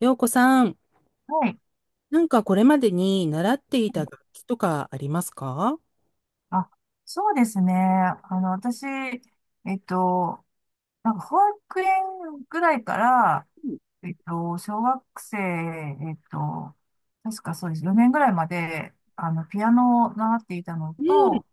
よう子さん、はい。なんかこれまでに習っていた楽器とかありますか？あ、そうですね。私、っと、保育園ぐらいから、小学生、確かそうです。4年ぐらいまで、ピアノを習っていたのうん。と、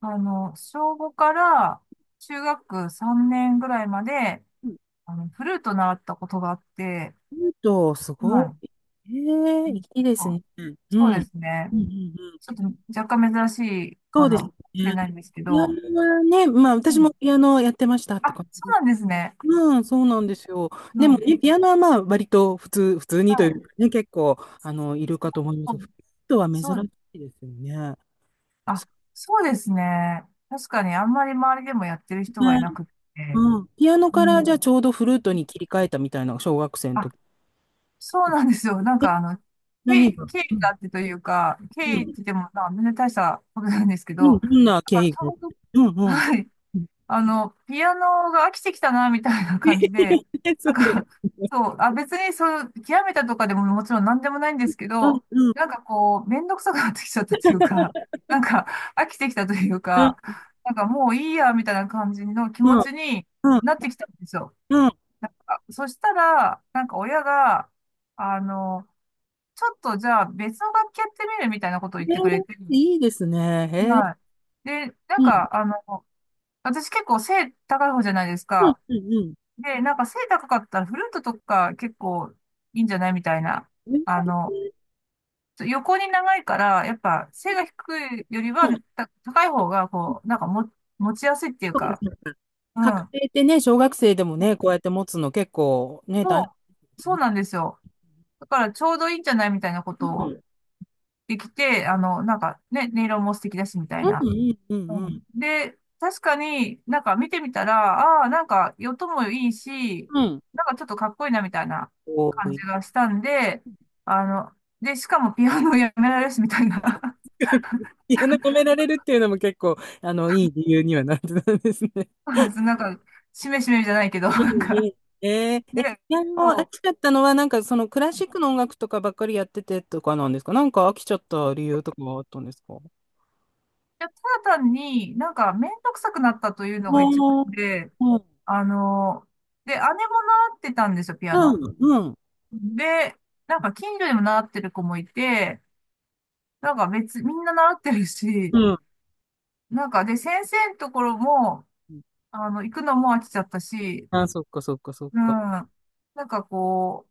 小5から中学3年ぐらいまで、うん、フルート習ったことがあって、うんと、すはごい。い。ええ、いいですあね。うん。うん。そうですね。うん。うん、ちょっと若干珍しいそかうですね。もしれないんですけピアど、ノはね、まあ私もピアノやってましたってあ、感そうじ。なんですね。うん、そうなんですよ。うでもん。ね、ピアノはまあ割と普通、普通にとはいうい。かね、結構、あの、いるかと思いまうす。フんルートは珍しそう、いですよね。あ、そそうですね。確かにあんまり周りでもやってるう人がいなね。くって。うん。ピアノうからじゃあん。ちょうどフルートに切り替えたみたいな、小学生のあ、時。そうなんですよ。経何緯、が、経う緯があん、ってというか、経う緯ってん、言っても、まあ、全然大したことなんですけうん、ど、どんな経あ、緯ちが？ょうど、うん、うん。はい。うん。ピアノが飽きてきたな、みたいな感じで、そなうんか、そう、あ、別にそう、極めたとかでももちろん何でもないんですけだ。うん、ど、うん、めんどくさくなってきちゃったというか、なんか飽きてきたといううん、か、もういいや、みたいな感じの気う持ん、ちにうん、なってきたんですよ。うん。そしたら、親が、あの、ちょっとじゃあ別の楽器やってみるみたいなことを言っへえ、てくれて、いいですね。へえ。はい。で、うん、私結構背高い方じゃないですうん、か。うん、うん。で、背高かったらフルートとか結構いいんじゃないみたいな。あの、横に長いから、やっぱ背が低いよりうはん、高い方が、こう、なんかも持ちやすいっていうそうかか、そうか。う家ん。庭ってね、小学生でもね、こうやって持つの結構ね、そ大変。う、そうなんですよ。だからちょうどいいんじゃないみたいなことうん、うをん、できて、音色も素敵だしみたういな。ん、ううん、うん。んで、確かに見てみたら、ああ、音もいいし、うん。ちょっとかっこいいなみたいなこ感じい。がしたんで、あの、で、しかもピアノやめられるしみたいな、いや、なんか褒められるっていうのも結構、あの、いい理由にはなってたんですね。なんか、しめしめじゃないけど、うん、うん。で、ピアノ飽そう、きちゃったのは、なんかそのクラシックの音楽とかばっかりやっててとかなんですか？なんか飽きちゃった理由とかはあったんですか？あいや、ただ単にめんどくさくなったというのが一番ー、で、うん、あの、で、姉も習ってたんですよ、ピアうノ。ん、うん。で、近所にも習ってる子もいて、なんか別、みんな習ってるし、うん。で、先生のところも、行くのも飽きちゃったし、あ、そっかそっかそっうん。か。んかこ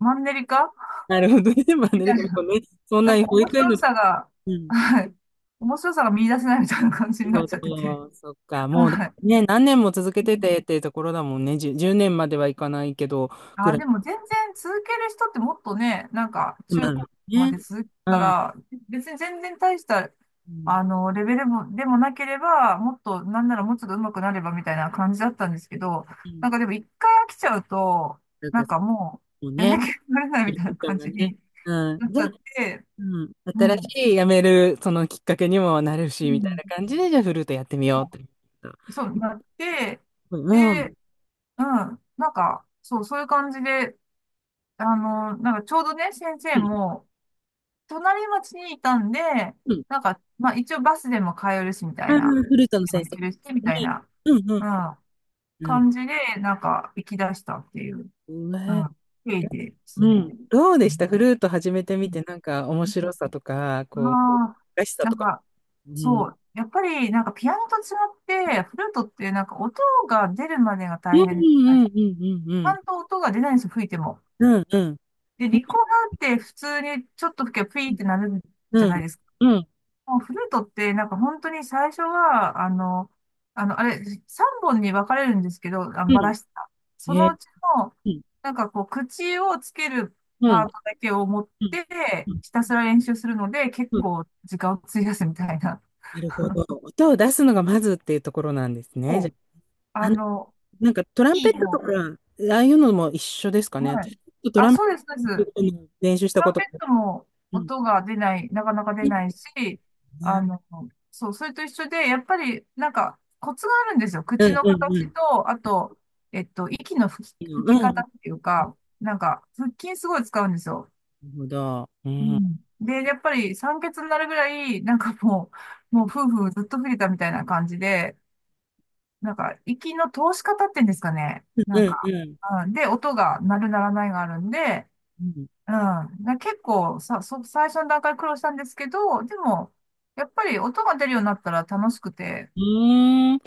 マンネリ化なるほどね。まあみね、たでもいな。ね、そんなに保面育園白の、さが、うん。はい。面白さが見出せないみたいな感じにななっるちゃっほてて。どそっか。もうはい。ね、何年も続けててっていうところだもんね。10、1年まではいかないけど、ぐあ、らでい。も全然続ける人ってもっとね、ま中あね。高まで続けうたん。ら、別に全然大した、うん。レベルも、でもなければ、もっと、なんならもうちょっと上手くなればみたいな感じだったんですけど、うん、でも一回飽きちゃうと、なんかもそうう、やるね。気になれないいみいたいな人感がじね。にうん。なっで、ちゃって、うん。新しうん、い辞める、そのきっかけにもなるうし、みたいん、な感じで、じゃフルートやってみようって。そうなって、うん。うで、ん。うん、そう、そういう感じで、ちょうどね、先生も、隣町にいたんで、うん。まあ一応バスでも通えるし、みたいな。フルートのでも先行生。けるし、みうたいな、ん。ううん。ん、うん。感じで、行き出したっていう、うな、ん、経緯ですうね。ん。どうでうしんた、フルート始めてうみて、なんか面ん白さとか、こう、まあ、難しさなとんか。か、うん。そう。やっぱり、ピアノと違って、フルートって音が出るまでがう大ん、変なんでうす。ん、うん、ちゃんと音が出ないんですよ、吹いても。うん、うん、うん。うん、で、うん。リコーうダーって普通にちょっと吹けばピーってなるじゃないん、ですか。うん。もうフルートって、本当に最初は、あれ、3本に分かれるんですけど、あバラしてた。そのえ、うちの、口をつけるうん、パートだけを持っうん、て、うん、ひたすら練習するので、結うん。構時間を費やすみたいな。なるほど。音を出すのがまずっていうところなんですね。じゃこう、あ、ああの、の、なんかトランいペいットとの。か、ああいうのも一緒ですかね。は私、い。ちょっとトあ、ランペそうです、そうです。ットラの練習したこンペと。ットもうん。音が出ない、なかなか出いいなでいし、すあね。の、そう、それと一緒で、やっぱり、コツがあるんですよ。う口ん、のうん、う形ん。と、あと、息の吹うきん。な方るっていうか、腹筋すごい使うんですよ。ほど。ううん。うん、ん。で、やっぱり酸欠になるぐらい、もう夫婦ずっと吹いたみたいな感じで、息の通し方っていうんですかね。うん、ううん、で、音が鳴る鳴らないがあるんで、ん。うん。で、結構さ、最初の段階苦労したんですけど、でも、やっぱり音が出るようになったら楽しくて、うーん。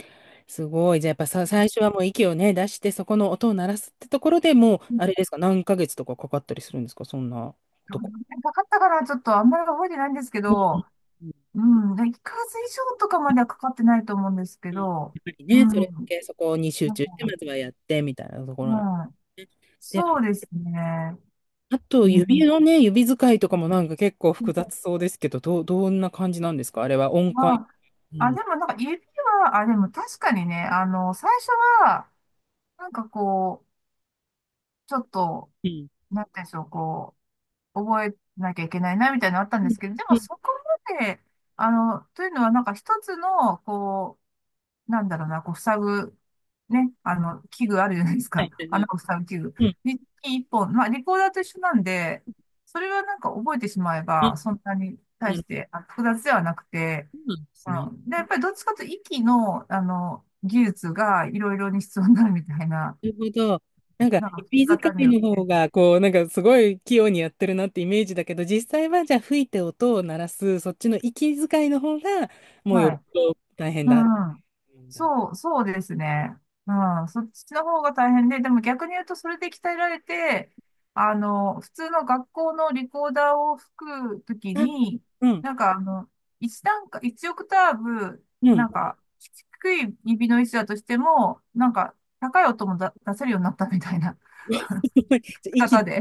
すごい。じゃあ、やっぱさ、最初はもう息をね、出して、そこの音を鳴らすってところでもう、うんあれですか、何ヶ月とかかかったりするんですか、そんなとこ。かかったからちょっとあんまり覚えてないんですけうん、ど、うん。うん、1ヶ月以上とかまではかかってないと思うんですけうん、やっど、ぱりうね、それだん、けそこに集なん中して、まかずはやってみたいなとこうろなんん、で、そうですね。あとう指ん、のね、指使いとかもなんか結構複雑そうですけど、どう、どんな感じなんですか、あれは音ま階。うあ、あ、ん。でも指は、あ、でも確かにね、最初は、なんかこう、ちょっと、うん。なんていうんでしょう、こう、覚えなきゃいけないな、みたいなのあったんうでん。すけど、でうもん、そこまで、というのは一つの、こう、なんだろうな、こう、塞ぐ、ね、器具あるじゃないですはか。いはい は穴い。を塞ぐ器具。うん。に一本。まあ、リコーダーと一緒なんで、それは覚えてしまえば、あ、そんなに対なしるてあ複雑ではなくて、ほど。そうなんですね。うん。で、やっぱりどっちかというと息の、技術がいろいろに必要になるみたいな、なるほど。なんか、聞き指使方にいよっのて。方が、こう、なんかすごい器用にやってるなってイメージだけど、実際はじゃあ吹いて音を鳴らす、そっちの息遣いの方が、もうよはっい。ぽど大変うだ。ん。うん。そう、そうですね。うん。そっちの方が大変で、でも逆に言うとそれで鍛えられて、普通の学校のリコーダーを吹くときあ、に、うん。なんかあの、一段階、一オクターブ、うん。 低い指の位置だとしても、高い音も出せるようになったみたいな じゃ方息、で。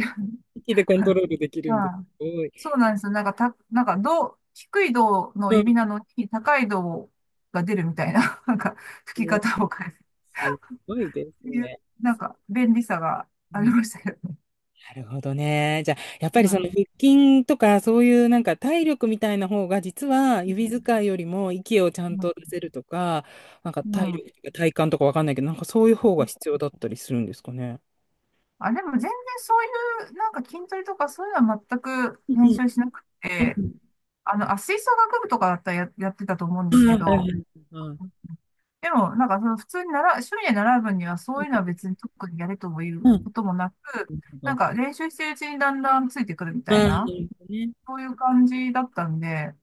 息でコントロ ールできるうんです。んすそうなんですよ。なんか、た、なんか、銅、低い銅のごい。う指ん。なのに、高い銅が出るみたいな、吹きね、方を変えるすごいっですていう、ね。便利さがうありん、ましたよね。なるほどね。じゃあ、やっぱりまそのあ、腹筋とか、そういうなんか体力みたいな方が、実はうん。指使いよりも息をちゃうんんと出せるとか、なんかう体力んとか体幹とかわかんないけど、なんかそういう方が必要だったりするんですかね。あ、でも全然そういう、筋トレとかそういうのは全くう練ん、習しなくうて、ん。あ、吹奏楽部とかだったらやってたと思うんでうすん、はけいはいはど、い、はい。でも、その普通に習う、趣味で習う分には、そういうのは別に特にやれともいううん。なこともなく、るほど。練習してるうちにだんだんついてくるみたいなるな、ほどね。そういう感じだったんで、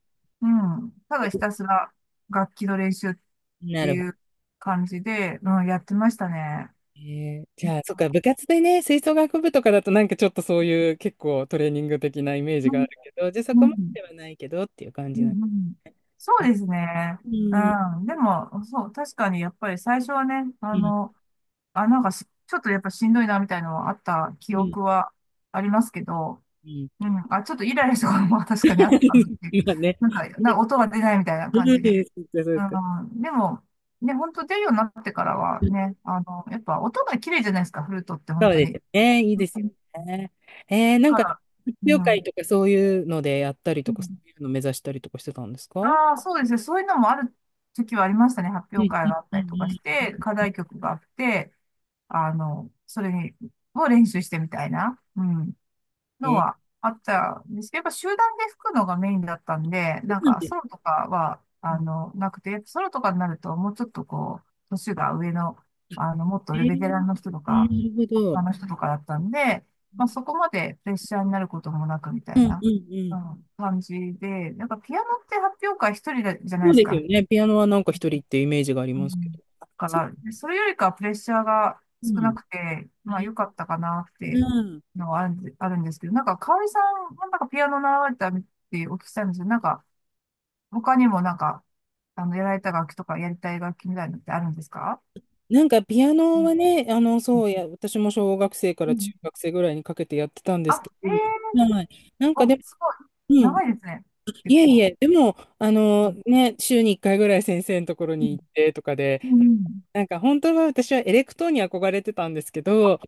うん。ただひたすら楽器の練習っなてるほいど。う感じで、うん、やってましたね。えじゃあ、そっか、部活でね、吹奏楽部とかだとなんかちょっとそういう結構トレーニング的なイメーうジがあん、るけど、じゃあそこうまん、ではないけどっていう感うじなんでんうんそすうね。ですね。ううん、ん。でも、そう、確かにやっぱり最初はね、うん、あ、なんかしちょっとやっぱしんどいなみたいなのはあったう記ん、憶 はありますけど、うん。うん。あ、ちょっとイライラしたことも確かにあったかなっ て。今ね。音が出ないみたいなうん、感じで。そっか、そっうか。ん。でも、ね、本当出るようになってからはね、やっぱ音が綺麗じゃないですか、フルートって本そう当ですに。よね。いいうですよんね。なんだか、か発ら、う表会ん。とかそういうのでやったりうとか、そんういうの目指したりとかしてたんですか？うん、ああ、そうですね。そういうのもある時はありましたね。発う表ん、会うん、があったりとかしうて、課題曲があって、それを練習してみたいな。うん。ん。のえー、はあったんですけど、やっぱ集団で吹くのがメインだったんで、そうなんです。ソロとかは、うなくて、やっぱソロとかになるともうちょっとこう、年が上の、もっとえベテラー、ンの人とか、なる大ほ人ど。の人とかだったんで、まあそこまでプレッシャーになることもなくみたういん、な、うん、ううん。ん、感じで、ピアノって発表会一人じゃなそいうですですか、よね。ピアノはなんか一人ってイメージがありうますけど。ん。あ、かそう、ら、それよりかはプレッシャーがう少なん。くて、まあ良かったかなっていううん。のはあるんで、あるんですけど、かおりさんもピアノ習われたってお聞きしたんですけど、他にもやられた楽器とかやりたい楽器みたいなのってあるんですか？なんかピアうノんはね、あの、そうや、私も小学生かうらん中学生ぐらいにかけてやってたんですけあ、ど、ええはい。なんかお、でも、すごい。うん。長いですね。い結えい構。え、でも、あうの、んね、週に1回ぐらい先生のところうにん行ってとかで、うんなんか本当は私はエレクトーンに憧れてたんですけど、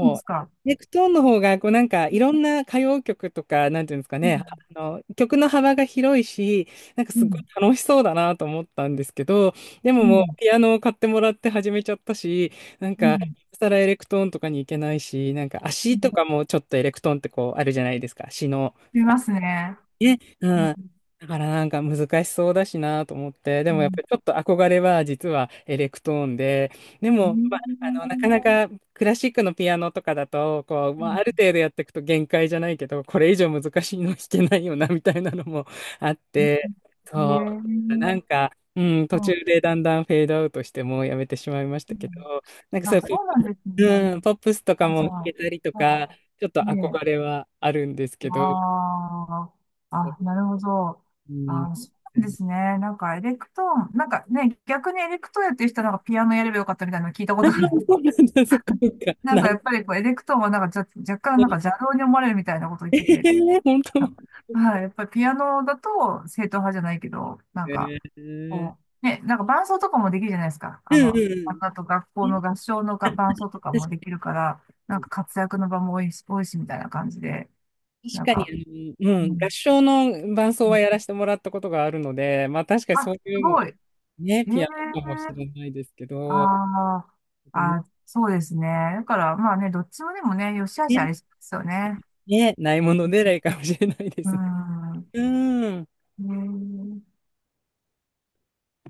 そうですう。か？ネクトーンの方が、こうなんかういんろんな歌謡曲とか、なんていうんですかうね、んあの、曲の幅が広いし、なんかうすごいん楽しそうだなと思ったんですけど、でうももうんピアノを買ってもらって始めちゃったし、なんうか、んさらエレクトーンとかに行けないし、なんか足とかもちょっとエレクトーンってこうあるじゃないですか。足の見ますね。ね、ううん。ん。だからなんか難しそうだしなと思って、でうもやっぱんりちょっと憧れは実はエレクトーンで、でうーも、まあ、あの、なかんなかクラシックのピアノとかだと、こう、まあ、ある程度やっていくと限界じゃないけど、これ以上難しいの弾けないよな、みたいなのも あって、ねそえ、う、なんか、うん、途ま中あ、でだんだんフェードアウトしてもうやめてしまいましたうけど、んなんかそうあ、いうそうなんですね。プ、うん、ポップスとかあ、もじゃ弾あ、けたりとまあ、か、ちょっとね憧え、れはあるんですけど、ああ、あ、なるほど。うん。あ、そうなんですね。エレクトーン、逆にエレクトーンやってる人はピアノやればよかったみたいなの聞いたこああ、とある。そうなんだ、そっかそっか。なやい、っぱりこう、エレクトーンは若干邪道に思われるみたいなこと言っえてて。え本あ当。はい、やっぱりピアノだと正統派じゃないけど、ええ、こう、ね、伴奏とかもできるじゃないですか。うん、うあと学校ん、うん。の合唱のが伴奏とか確もできるから、かに、活躍の場も多いしみたいな感じで、確なんかか、にあの、ううん、合ん、唱の伴奏はやらせてもらったことがあるので、まあ確かにあ、そうすいうのはごい。えね、えピアノかもしれないですけあど、あ、ね、あ、そうですね。だから、まあね、どっちもでもね、良し悪しありそうですよね。ね、ないものねらいかもしれないでうすね。ん。うん。ええ